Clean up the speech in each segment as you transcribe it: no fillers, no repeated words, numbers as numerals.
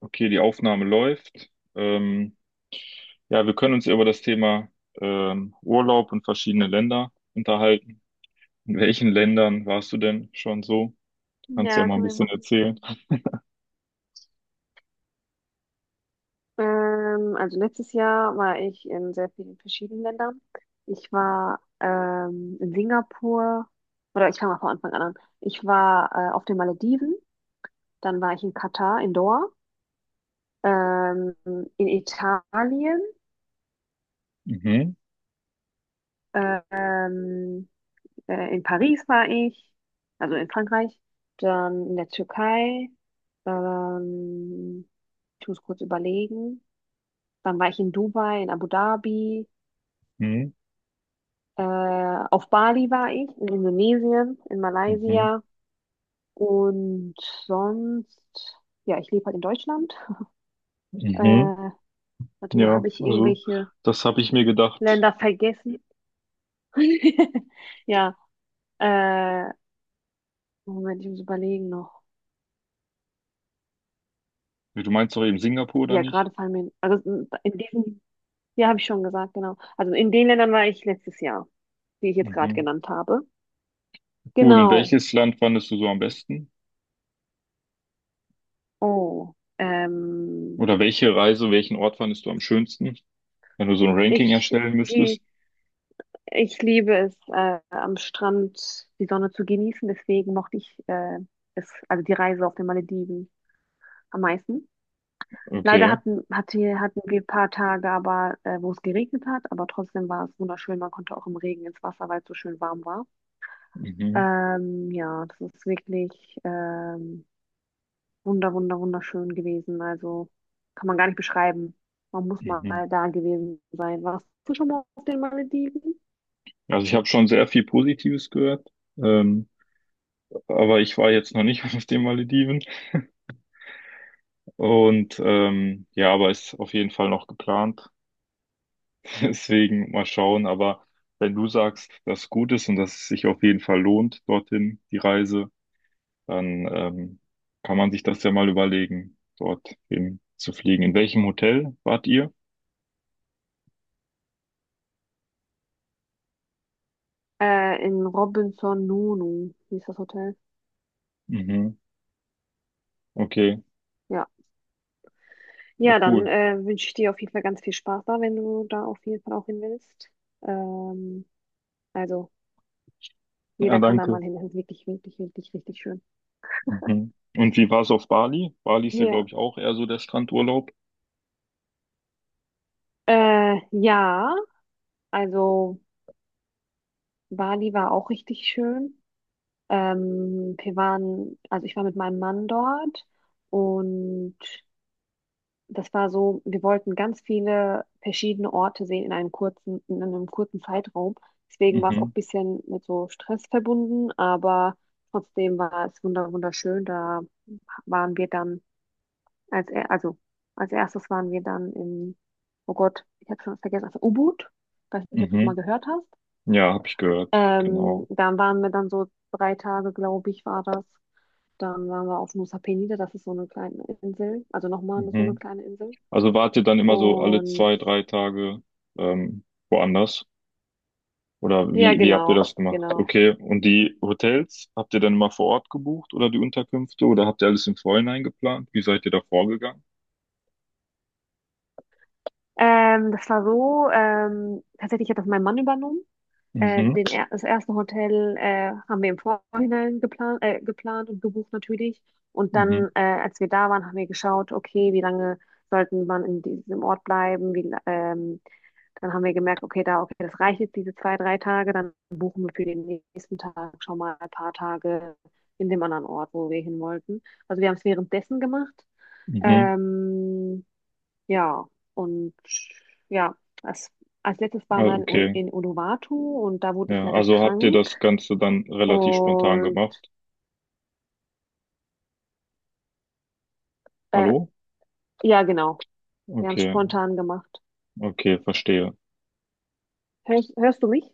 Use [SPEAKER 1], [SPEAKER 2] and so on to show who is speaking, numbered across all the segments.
[SPEAKER 1] Okay, die Aufnahme läuft. Ähm, ja, wir können uns ja über das Thema Urlaub und verschiedene Länder unterhalten. In welchen Ländern warst du denn schon so? Kannst du ja
[SPEAKER 2] Ja,
[SPEAKER 1] mal ein
[SPEAKER 2] können wir
[SPEAKER 1] bisschen
[SPEAKER 2] machen.
[SPEAKER 1] erzählen.
[SPEAKER 2] Also letztes Jahr war ich in sehr vielen verschiedenen Ländern. Ich war in Singapur, oder ich fange mal von Anfang an an. Ich war auf den Malediven, dann war ich in Katar, in Doha, ähm, in Italien,
[SPEAKER 1] Mhm,
[SPEAKER 2] äh, ähm, in Paris war ich, also in Frankreich, dann in der Türkei, ähm, ich muss kurz überlegen, dann war ich in Dubai, in Abu Dhabi.
[SPEAKER 1] mhm,
[SPEAKER 2] Auf Bali war ich, in Indonesien, in
[SPEAKER 1] mhm,
[SPEAKER 2] Malaysia und sonst, ja, ich lebe halt in Deutschland.
[SPEAKER 1] mhm.
[SPEAKER 2] Äh, warte mal,
[SPEAKER 1] Ja,
[SPEAKER 2] habe ich
[SPEAKER 1] also
[SPEAKER 2] irgendwelche
[SPEAKER 1] das habe ich mir gedacht.
[SPEAKER 2] Länder vergessen? Ja, äh, Moment, ich muss überlegen noch.
[SPEAKER 1] Ja, Du meinst doch eben Singapur oder
[SPEAKER 2] Ja,
[SPEAKER 1] nicht?
[SPEAKER 2] gerade fallen mir, also in diesen, ja, habe ich schon gesagt, genau. Also in den Ländern war ich letztes Jahr, die ich jetzt gerade
[SPEAKER 1] Mhm.
[SPEAKER 2] genannt habe.
[SPEAKER 1] Cool. Und
[SPEAKER 2] Genau.
[SPEAKER 1] welches Land fandest du so am besten?
[SPEAKER 2] Oh, ähm,
[SPEAKER 1] Oder welche Reise, welchen Ort fandest du am schönsten, wenn du so ein Ranking
[SPEAKER 2] ich,
[SPEAKER 1] erstellen müsstest?
[SPEAKER 2] die, ich liebe es, am Strand die Sonne zu genießen. Deswegen mochte ich es, also die Reise auf den Malediven am meisten. Leider
[SPEAKER 1] Okay.
[SPEAKER 2] hatten wir ein paar Tage, aber wo es geregnet hat, aber trotzdem war es wunderschön. Man konnte auch im Regen ins Wasser, weil es so schön warm war.
[SPEAKER 1] Mhm.
[SPEAKER 2] Ja, das ist wirklich wunderschön gewesen. Also kann man gar nicht beschreiben. Man muss mal
[SPEAKER 1] Mhm.
[SPEAKER 2] da gewesen sein. Warst du schon mal auf den Malediven?
[SPEAKER 1] Also ich habe schon sehr viel Positives gehört, ähm, aber ich war jetzt noch nicht auf den Malediven und ja, aber ist auf jeden Fall noch geplant. Deswegen mal schauen. Aber wenn du sagst, dass es gut ist und dass es sich auf jeden Fall lohnt, dorthin die Reise, dann kann man sich das ja mal überlegen, dort hin zu fliegen. In welchem Hotel wart ihr?
[SPEAKER 2] In Robinson Nonu hieß das Hotel.
[SPEAKER 1] Mhm. Okay,
[SPEAKER 2] Ja.
[SPEAKER 1] ja
[SPEAKER 2] Ja, dann
[SPEAKER 1] cool.
[SPEAKER 2] äh, wünsche ich dir auf jeden Fall ganz viel Spaß da, wenn du da auf jeden Fall auch hin willst. Ähm, also,
[SPEAKER 1] Ja,
[SPEAKER 2] jeder kann da
[SPEAKER 1] danke.
[SPEAKER 2] mal hin. Das ist wirklich, richtig schön.
[SPEAKER 1] Mhm. Und wie war es auf Bali? Bali ist ja,
[SPEAKER 2] Ja.
[SPEAKER 1] glaube ich, auch eher so der Strandurlaub.
[SPEAKER 2] Ja, also Bali war auch richtig schön. Wir waren, also ich war mit meinem Mann dort und das war so, wir wollten ganz viele verschiedene Orte sehen in einem kurzen Zeitraum. Deswegen war es auch
[SPEAKER 1] Mhm.
[SPEAKER 2] ein bisschen mit so Stress verbunden, aber trotzdem war es wunderschön. Da waren wir dann als er, also als erstes waren wir dann in, oh Gott, ich habe schon vergessen, also Ubud. Weiß nicht, ob du es mal
[SPEAKER 1] Mhm.
[SPEAKER 2] gehört hast.
[SPEAKER 1] Ja, habe ich gehört, genau.
[SPEAKER 2] Dann waren wir dann so 3 Tage, glaube ich, war das. Dann waren wir auf Nusa Penida, das ist so eine kleine Insel, also nochmal so eine
[SPEAKER 1] Mhm.
[SPEAKER 2] kleine Insel.
[SPEAKER 1] Also wart ihr dann immer so alle
[SPEAKER 2] Und
[SPEAKER 1] zwei, drei Tage ähm, woanders? Oder
[SPEAKER 2] ja,
[SPEAKER 1] wie habt ihr
[SPEAKER 2] genau,
[SPEAKER 1] das gemacht?
[SPEAKER 2] genau.
[SPEAKER 1] Okay, und die Hotels, habt ihr dann immer vor Ort gebucht oder die Unterkünfte oder habt ihr alles im Vorhinein geplant? Wie seid ihr da vorgegangen?
[SPEAKER 2] Das war so, tatsächlich hat das mein Mann übernommen.
[SPEAKER 1] Mhm.
[SPEAKER 2] Den er das erste Hotel haben wir im Vorhinein geplant und gebucht natürlich. Und
[SPEAKER 1] Mhm.
[SPEAKER 2] dann, als wir da waren, haben wir geschaut, okay, wie lange sollten man in diesem Ort bleiben? Dann haben wir gemerkt, okay, das reicht jetzt diese 2, 3 Tage. Dann buchen wir für den nächsten Tag schon mal ein paar Tage in dem anderen Ort, wo wir hin wollten. Also wir haben es währenddessen gemacht.
[SPEAKER 1] Mhm.
[SPEAKER 2] Ähm, Ja, und ja, als, als letztes waren wir
[SPEAKER 1] Also,
[SPEAKER 2] in
[SPEAKER 1] okay.
[SPEAKER 2] Uluwatu und da wurde ich
[SPEAKER 1] Ja,
[SPEAKER 2] leider
[SPEAKER 1] also habt ihr
[SPEAKER 2] krank.
[SPEAKER 1] das Ganze dann relativ spontan
[SPEAKER 2] Und
[SPEAKER 1] gemacht?
[SPEAKER 2] äh,
[SPEAKER 1] Hallo?
[SPEAKER 2] ja, genau, wir haben es
[SPEAKER 1] Okay,
[SPEAKER 2] spontan gemacht.
[SPEAKER 1] okay, verstehe.
[SPEAKER 2] Hörst du mich?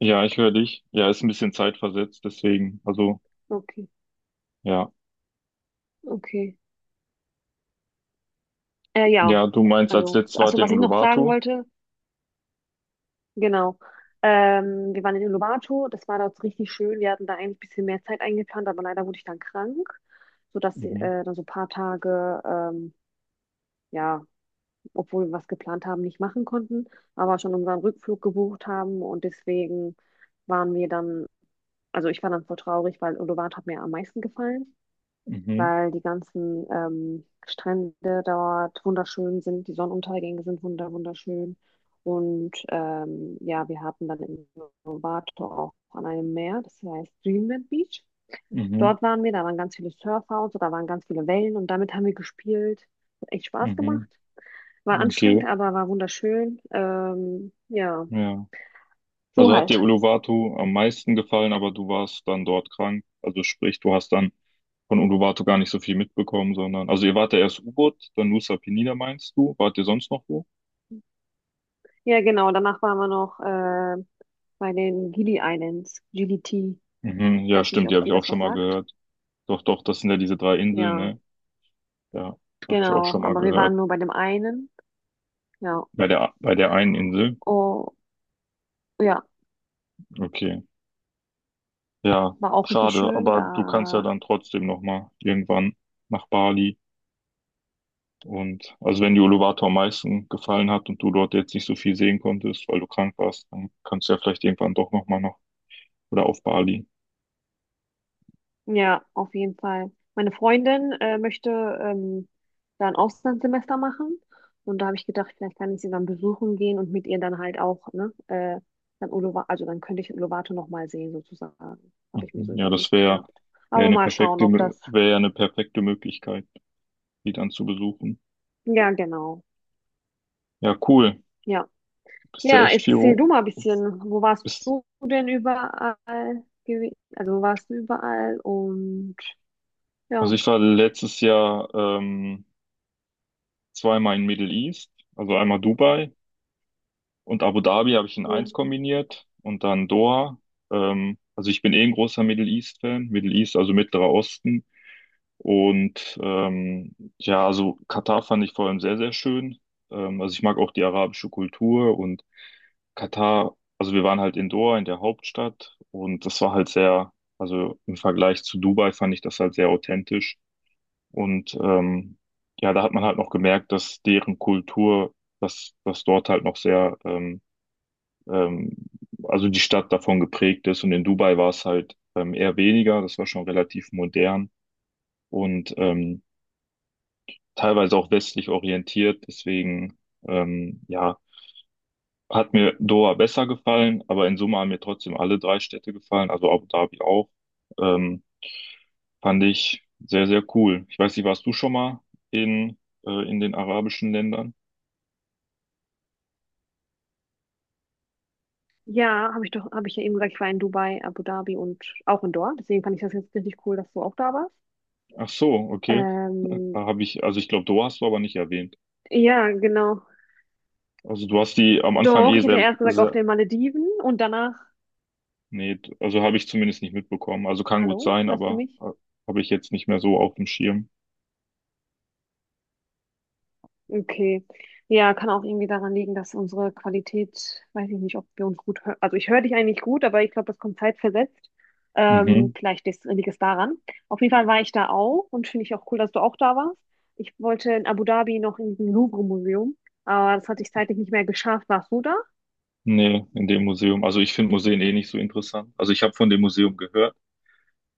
[SPEAKER 1] Ja, ich höre dich. Ja, ist ein bisschen zeitversetzt, deswegen, also,
[SPEAKER 2] Okay,
[SPEAKER 1] ja.
[SPEAKER 2] okay. Ja,
[SPEAKER 1] Ja, du meinst als
[SPEAKER 2] also,
[SPEAKER 1] letztes war
[SPEAKER 2] achso,
[SPEAKER 1] den
[SPEAKER 2] was ich noch sagen
[SPEAKER 1] Uluwatu?
[SPEAKER 2] wollte, genau. Wir waren in Uluwatu, das war dort richtig schön. Wir hatten da eigentlich ein bisschen mehr Zeit eingeplant, aber leider wurde ich dann krank, sodass
[SPEAKER 1] Mhm,
[SPEAKER 2] äh, dann so ein paar Tage, ja, obwohl wir was geplant haben, nicht machen konnten, aber schon unseren Rückflug gebucht haben und deswegen waren wir dann, also ich war dann voll traurig, weil Uluwatu hat mir am meisten gefallen,
[SPEAKER 1] mhm,
[SPEAKER 2] weil die ganzen Strände dort wunderschön sind, die Sonnenuntergänge sind wunderschön und ja, wir hatten dann in Uluwatu auch an einem Meer, das heißt Dreamland Beach.
[SPEAKER 1] mhm,
[SPEAKER 2] Dort waren wir, da waren ganz viele Surfer und so, da waren ganz viele Wellen und damit haben wir gespielt. Hat echt Spaß
[SPEAKER 1] mhm.
[SPEAKER 2] gemacht. War anstrengend,
[SPEAKER 1] Okay,
[SPEAKER 2] aber war wunderschön. Ja,
[SPEAKER 1] ja.
[SPEAKER 2] so
[SPEAKER 1] Also hat dir
[SPEAKER 2] halt.
[SPEAKER 1] Uluwatu am meisten gefallen, aber du warst dann dort krank. Also sprich, du hast dann von Uluwatu gar nicht so viel mitbekommen, sondern, also ihr wart ja erst U-Boot, dann Nusa Penida meinst du? Wart ihr sonst noch wo?
[SPEAKER 2] Ja, genau. Danach waren wir noch bei den Gili Islands, GDT.
[SPEAKER 1] Mhm, ja,
[SPEAKER 2] Weiß nicht,
[SPEAKER 1] stimmt, die
[SPEAKER 2] ob
[SPEAKER 1] habe ich
[SPEAKER 2] dir
[SPEAKER 1] auch
[SPEAKER 2] das
[SPEAKER 1] schon
[SPEAKER 2] was
[SPEAKER 1] mal
[SPEAKER 2] sagt.
[SPEAKER 1] gehört. Doch, doch, das sind ja diese drei Inseln,
[SPEAKER 2] Ja,
[SPEAKER 1] ne? Ja, habe ich auch
[SPEAKER 2] genau.
[SPEAKER 1] schon mal
[SPEAKER 2] Aber wir
[SPEAKER 1] gehört.
[SPEAKER 2] waren nur bei dem einen. Ja,
[SPEAKER 1] Bei der einen Insel.
[SPEAKER 2] oh, ja,
[SPEAKER 1] Okay. Ja,
[SPEAKER 2] war auch richtig
[SPEAKER 1] schade,
[SPEAKER 2] schön.
[SPEAKER 1] aber du kannst ja
[SPEAKER 2] Da
[SPEAKER 1] dann trotzdem nochmal irgendwann nach Bali. Und also wenn dir Uluwatu am meisten gefallen hat und du dort jetzt nicht so viel sehen konntest, weil du krank warst, dann kannst du ja vielleicht irgendwann doch nochmal nach oder auf Bali.
[SPEAKER 2] Ja, auf jeden Fall. Meine Freundin möchte ähm, da ein Auslandssemester machen. Und da habe ich gedacht, vielleicht kann ich sie dann besuchen gehen und mit ihr dann halt auch, ne, dann Uluwatu, also dann könnte ich Uluwatu nochmal sehen, sozusagen. Habe ich mir
[SPEAKER 1] Mhm.
[SPEAKER 2] so
[SPEAKER 1] Ja, das
[SPEAKER 2] überlegt
[SPEAKER 1] wäre
[SPEAKER 2] gehabt.
[SPEAKER 1] wär wär
[SPEAKER 2] Aber
[SPEAKER 1] eine
[SPEAKER 2] mal schauen,
[SPEAKER 1] perfekte,
[SPEAKER 2] ob das.
[SPEAKER 1] wäre ja eine perfekte Möglichkeit, die dann zu besuchen.
[SPEAKER 2] Ja, genau.
[SPEAKER 1] Ja, cool.
[SPEAKER 2] Ja.
[SPEAKER 1] Bist ja
[SPEAKER 2] Ja,
[SPEAKER 1] echt viel.
[SPEAKER 2] erzähl du mal ein bisschen, wo warst
[SPEAKER 1] Bist,
[SPEAKER 2] du denn überall gewesen? Also wo warst du überall? Und
[SPEAKER 1] also
[SPEAKER 2] ja,
[SPEAKER 1] ich war letztes Jahr zweimal in Middle East, also einmal Dubai und Abu Dhabi habe ich in
[SPEAKER 2] ja.
[SPEAKER 1] eins kombiniert und dann Doha. Also ich bin eh ein großer Middle East-Fan, Middle East, also Mittlerer Osten. Und ja, also Katar fand ich vor allem sehr, sehr schön. Also ich mag auch die arabische Kultur und Katar, also wir waren halt in Doha, in der Hauptstadt und das war halt sehr, also im Vergleich zu Dubai fand ich das halt sehr authentisch. Und ja, da hat man halt noch gemerkt, dass deren Kultur, dass dort halt noch sehr ähm, also die Stadt davon geprägt ist. Und in Dubai war es halt eher weniger, das war schon relativ modern und teilweise auch westlich orientiert. Deswegen, ja, hat mir Doha besser gefallen, aber in Summe haben mir trotzdem alle drei Städte gefallen, also Abu Dhabi auch. Ähm, fand ich sehr, sehr cool. Ich weiß nicht, warst du schon mal in, in den arabischen Ländern?
[SPEAKER 2] Ja, habe ich doch, habe ich ja eben gesagt, ich war in Dubai, Abu Dhabi und auch in Doha. Deswegen fand ich das jetzt richtig cool, dass du auch da warst.
[SPEAKER 1] Ach so, okay.
[SPEAKER 2] Ähm,
[SPEAKER 1] Da habe ich, also ich glaube, Doha hast du aber nicht erwähnt.
[SPEAKER 2] ja, genau.
[SPEAKER 1] Also du hast die am Anfang
[SPEAKER 2] Doch,
[SPEAKER 1] eh
[SPEAKER 2] ich hätte
[SPEAKER 1] sehr,
[SPEAKER 2] erst gesagt auf
[SPEAKER 1] sehr
[SPEAKER 2] den Malediven und danach,
[SPEAKER 1] Nee, also habe ich zumindest nicht mitbekommen. Also kann gut
[SPEAKER 2] hallo,
[SPEAKER 1] sein,
[SPEAKER 2] hörst du
[SPEAKER 1] aber
[SPEAKER 2] mich?
[SPEAKER 1] habe ich jetzt nicht mehr so auf dem Schirm.
[SPEAKER 2] Okay. Ja, kann auch irgendwie daran liegen, dass unsere Qualität, weiß ich nicht, ob wir uns gut hören. Also ich höre dich eigentlich gut, aber ich glaube, das kommt zeitversetzt.
[SPEAKER 1] Mhm.
[SPEAKER 2] Vielleicht liegt es daran. Auf jeden Fall war ich da auch und finde ich auch cool, dass du auch da warst. Ich wollte in Abu Dhabi noch in diesem Louvre-Museum, aber das hatte ich zeitlich nicht mehr geschafft. Warst du da?
[SPEAKER 1] Nee, in dem Museum. Also ich finde Museen eh nicht so interessant. Also ich habe von dem Museum gehört,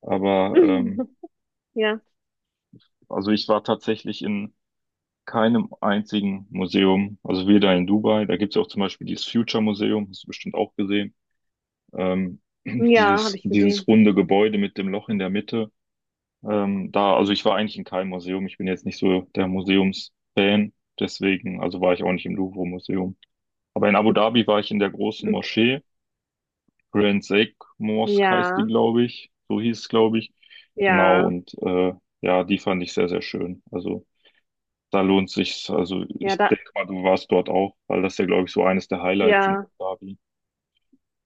[SPEAKER 1] aber
[SPEAKER 2] Ja.
[SPEAKER 1] also ich war tatsächlich in keinem einzigen Museum. Also weder in Dubai, da gibt's ja auch zum Beispiel dieses Future Museum, hast du bestimmt auch gesehen. Ähm,
[SPEAKER 2] Ja, habe ich
[SPEAKER 1] dieses
[SPEAKER 2] gesehen.
[SPEAKER 1] runde Gebäude mit dem Loch in der Mitte. Da, also ich war eigentlich in keinem Museum. Ich bin jetzt nicht so der Museumsfan. Deswegen, also war ich auch nicht im Louvre-Museum. Aber in Abu Dhabi war ich in der großen
[SPEAKER 2] Okay.
[SPEAKER 1] Moschee. Grand Sheikh Mosque heißt die,
[SPEAKER 2] Ja,
[SPEAKER 1] glaube ich. So hieß es, glaube ich. Genau,
[SPEAKER 2] ja,
[SPEAKER 1] und ja, die fand ich sehr, sehr schön. Also da lohnt sich's. Also
[SPEAKER 2] ja,
[SPEAKER 1] ich
[SPEAKER 2] da,
[SPEAKER 1] denke mal, du warst dort auch, weil das ja, glaube ich, so eines der Highlights in Abu
[SPEAKER 2] ja.
[SPEAKER 1] Dhabi.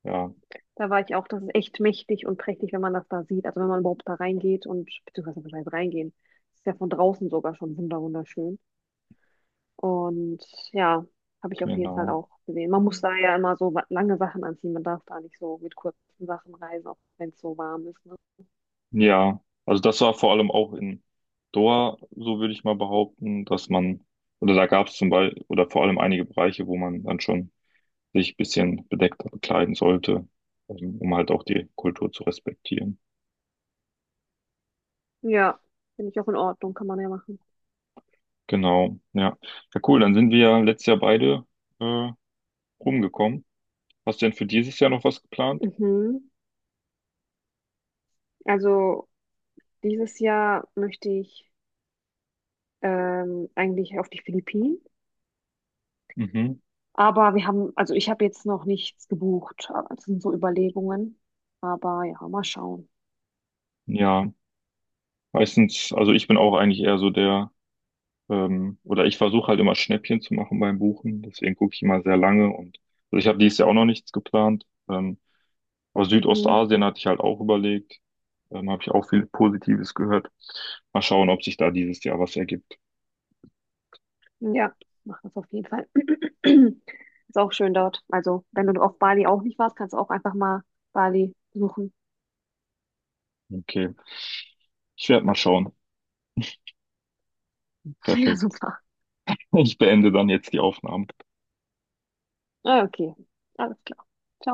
[SPEAKER 1] Ja,
[SPEAKER 2] Da war ich auch, das ist echt mächtig und prächtig, wenn man das da sieht. Also wenn man überhaupt da reingeht und, beziehungsweise was heißt reingehen, das ist ja von draußen sogar schon wunderschön. Und ja, habe ich auf jeden Fall
[SPEAKER 1] genau.
[SPEAKER 2] auch gesehen. Man muss da ja immer so lange Sachen anziehen. Man darf da nicht so mit kurzen Sachen reisen, auch wenn es so warm ist. Ne?
[SPEAKER 1] Ja, also das war vor allem auch in Doha, so würde ich mal behaupten, dass man, oder da gab es zum Beispiel, oder vor allem einige Bereiche, wo man dann schon sich ein bisschen bedeckter bekleiden sollte, um halt auch die Kultur zu respektieren.
[SPEAKER 2] Ja, finde ich auch in Ordnung, kann man ja machen.
[SPEAKER 1] Genau, ja. Ja, cool, dann sind wir ja letztes Jahr beide äh, rumgekommen. Hast du denn für dieses Jahr noch was geplant?
[SPEAKER 2] Mhm. Also dieses Jahr möchte ich eigentlich auf die Philippinen.
[SPEAKER 1] Mhm.
[SPEAKER 2] Aber wir haben, also ich habe jetzt noch nichts gebucht. Aber das sind so Überlegungen. Aber ja, mal schauen.
[SPEAKER 1] Ja, meistens, also ich bin auch eigentlich eher so der oder ich versuche halt immer Schnäppchen zu machen beim Buchen. Deswegen gucke ich immer sehr lange und also ich habe dieses Jahr auch noch nichts geplant. Aber
[SPEAKER 2] Mhm.
[SPEAKER 1] Südostasien hatte ich halt auch überlegt. Habe ich auch viel Positives gehört. Mal schauen, ob sich da dieses Jahr was ergibt.
[SPEAKER 2] Ja, mach das auf jeden Fall. Ist auch schön dort. Also, wenn du auf Bali auch nicht warst, kannst du auch einfach mal Bali suchen.
[SPEAKER 1] Okay, ich werde mal schauen.
[SPEAKER 2] Ja,
[SPEAKER 1] Perfekt.
[SPEAKER 2] super.
[SPEAKER 1] Ich beende dann jetzt die Aufnahme.
[SPEAKER 2] Ah, okay, alles klar. Ciao.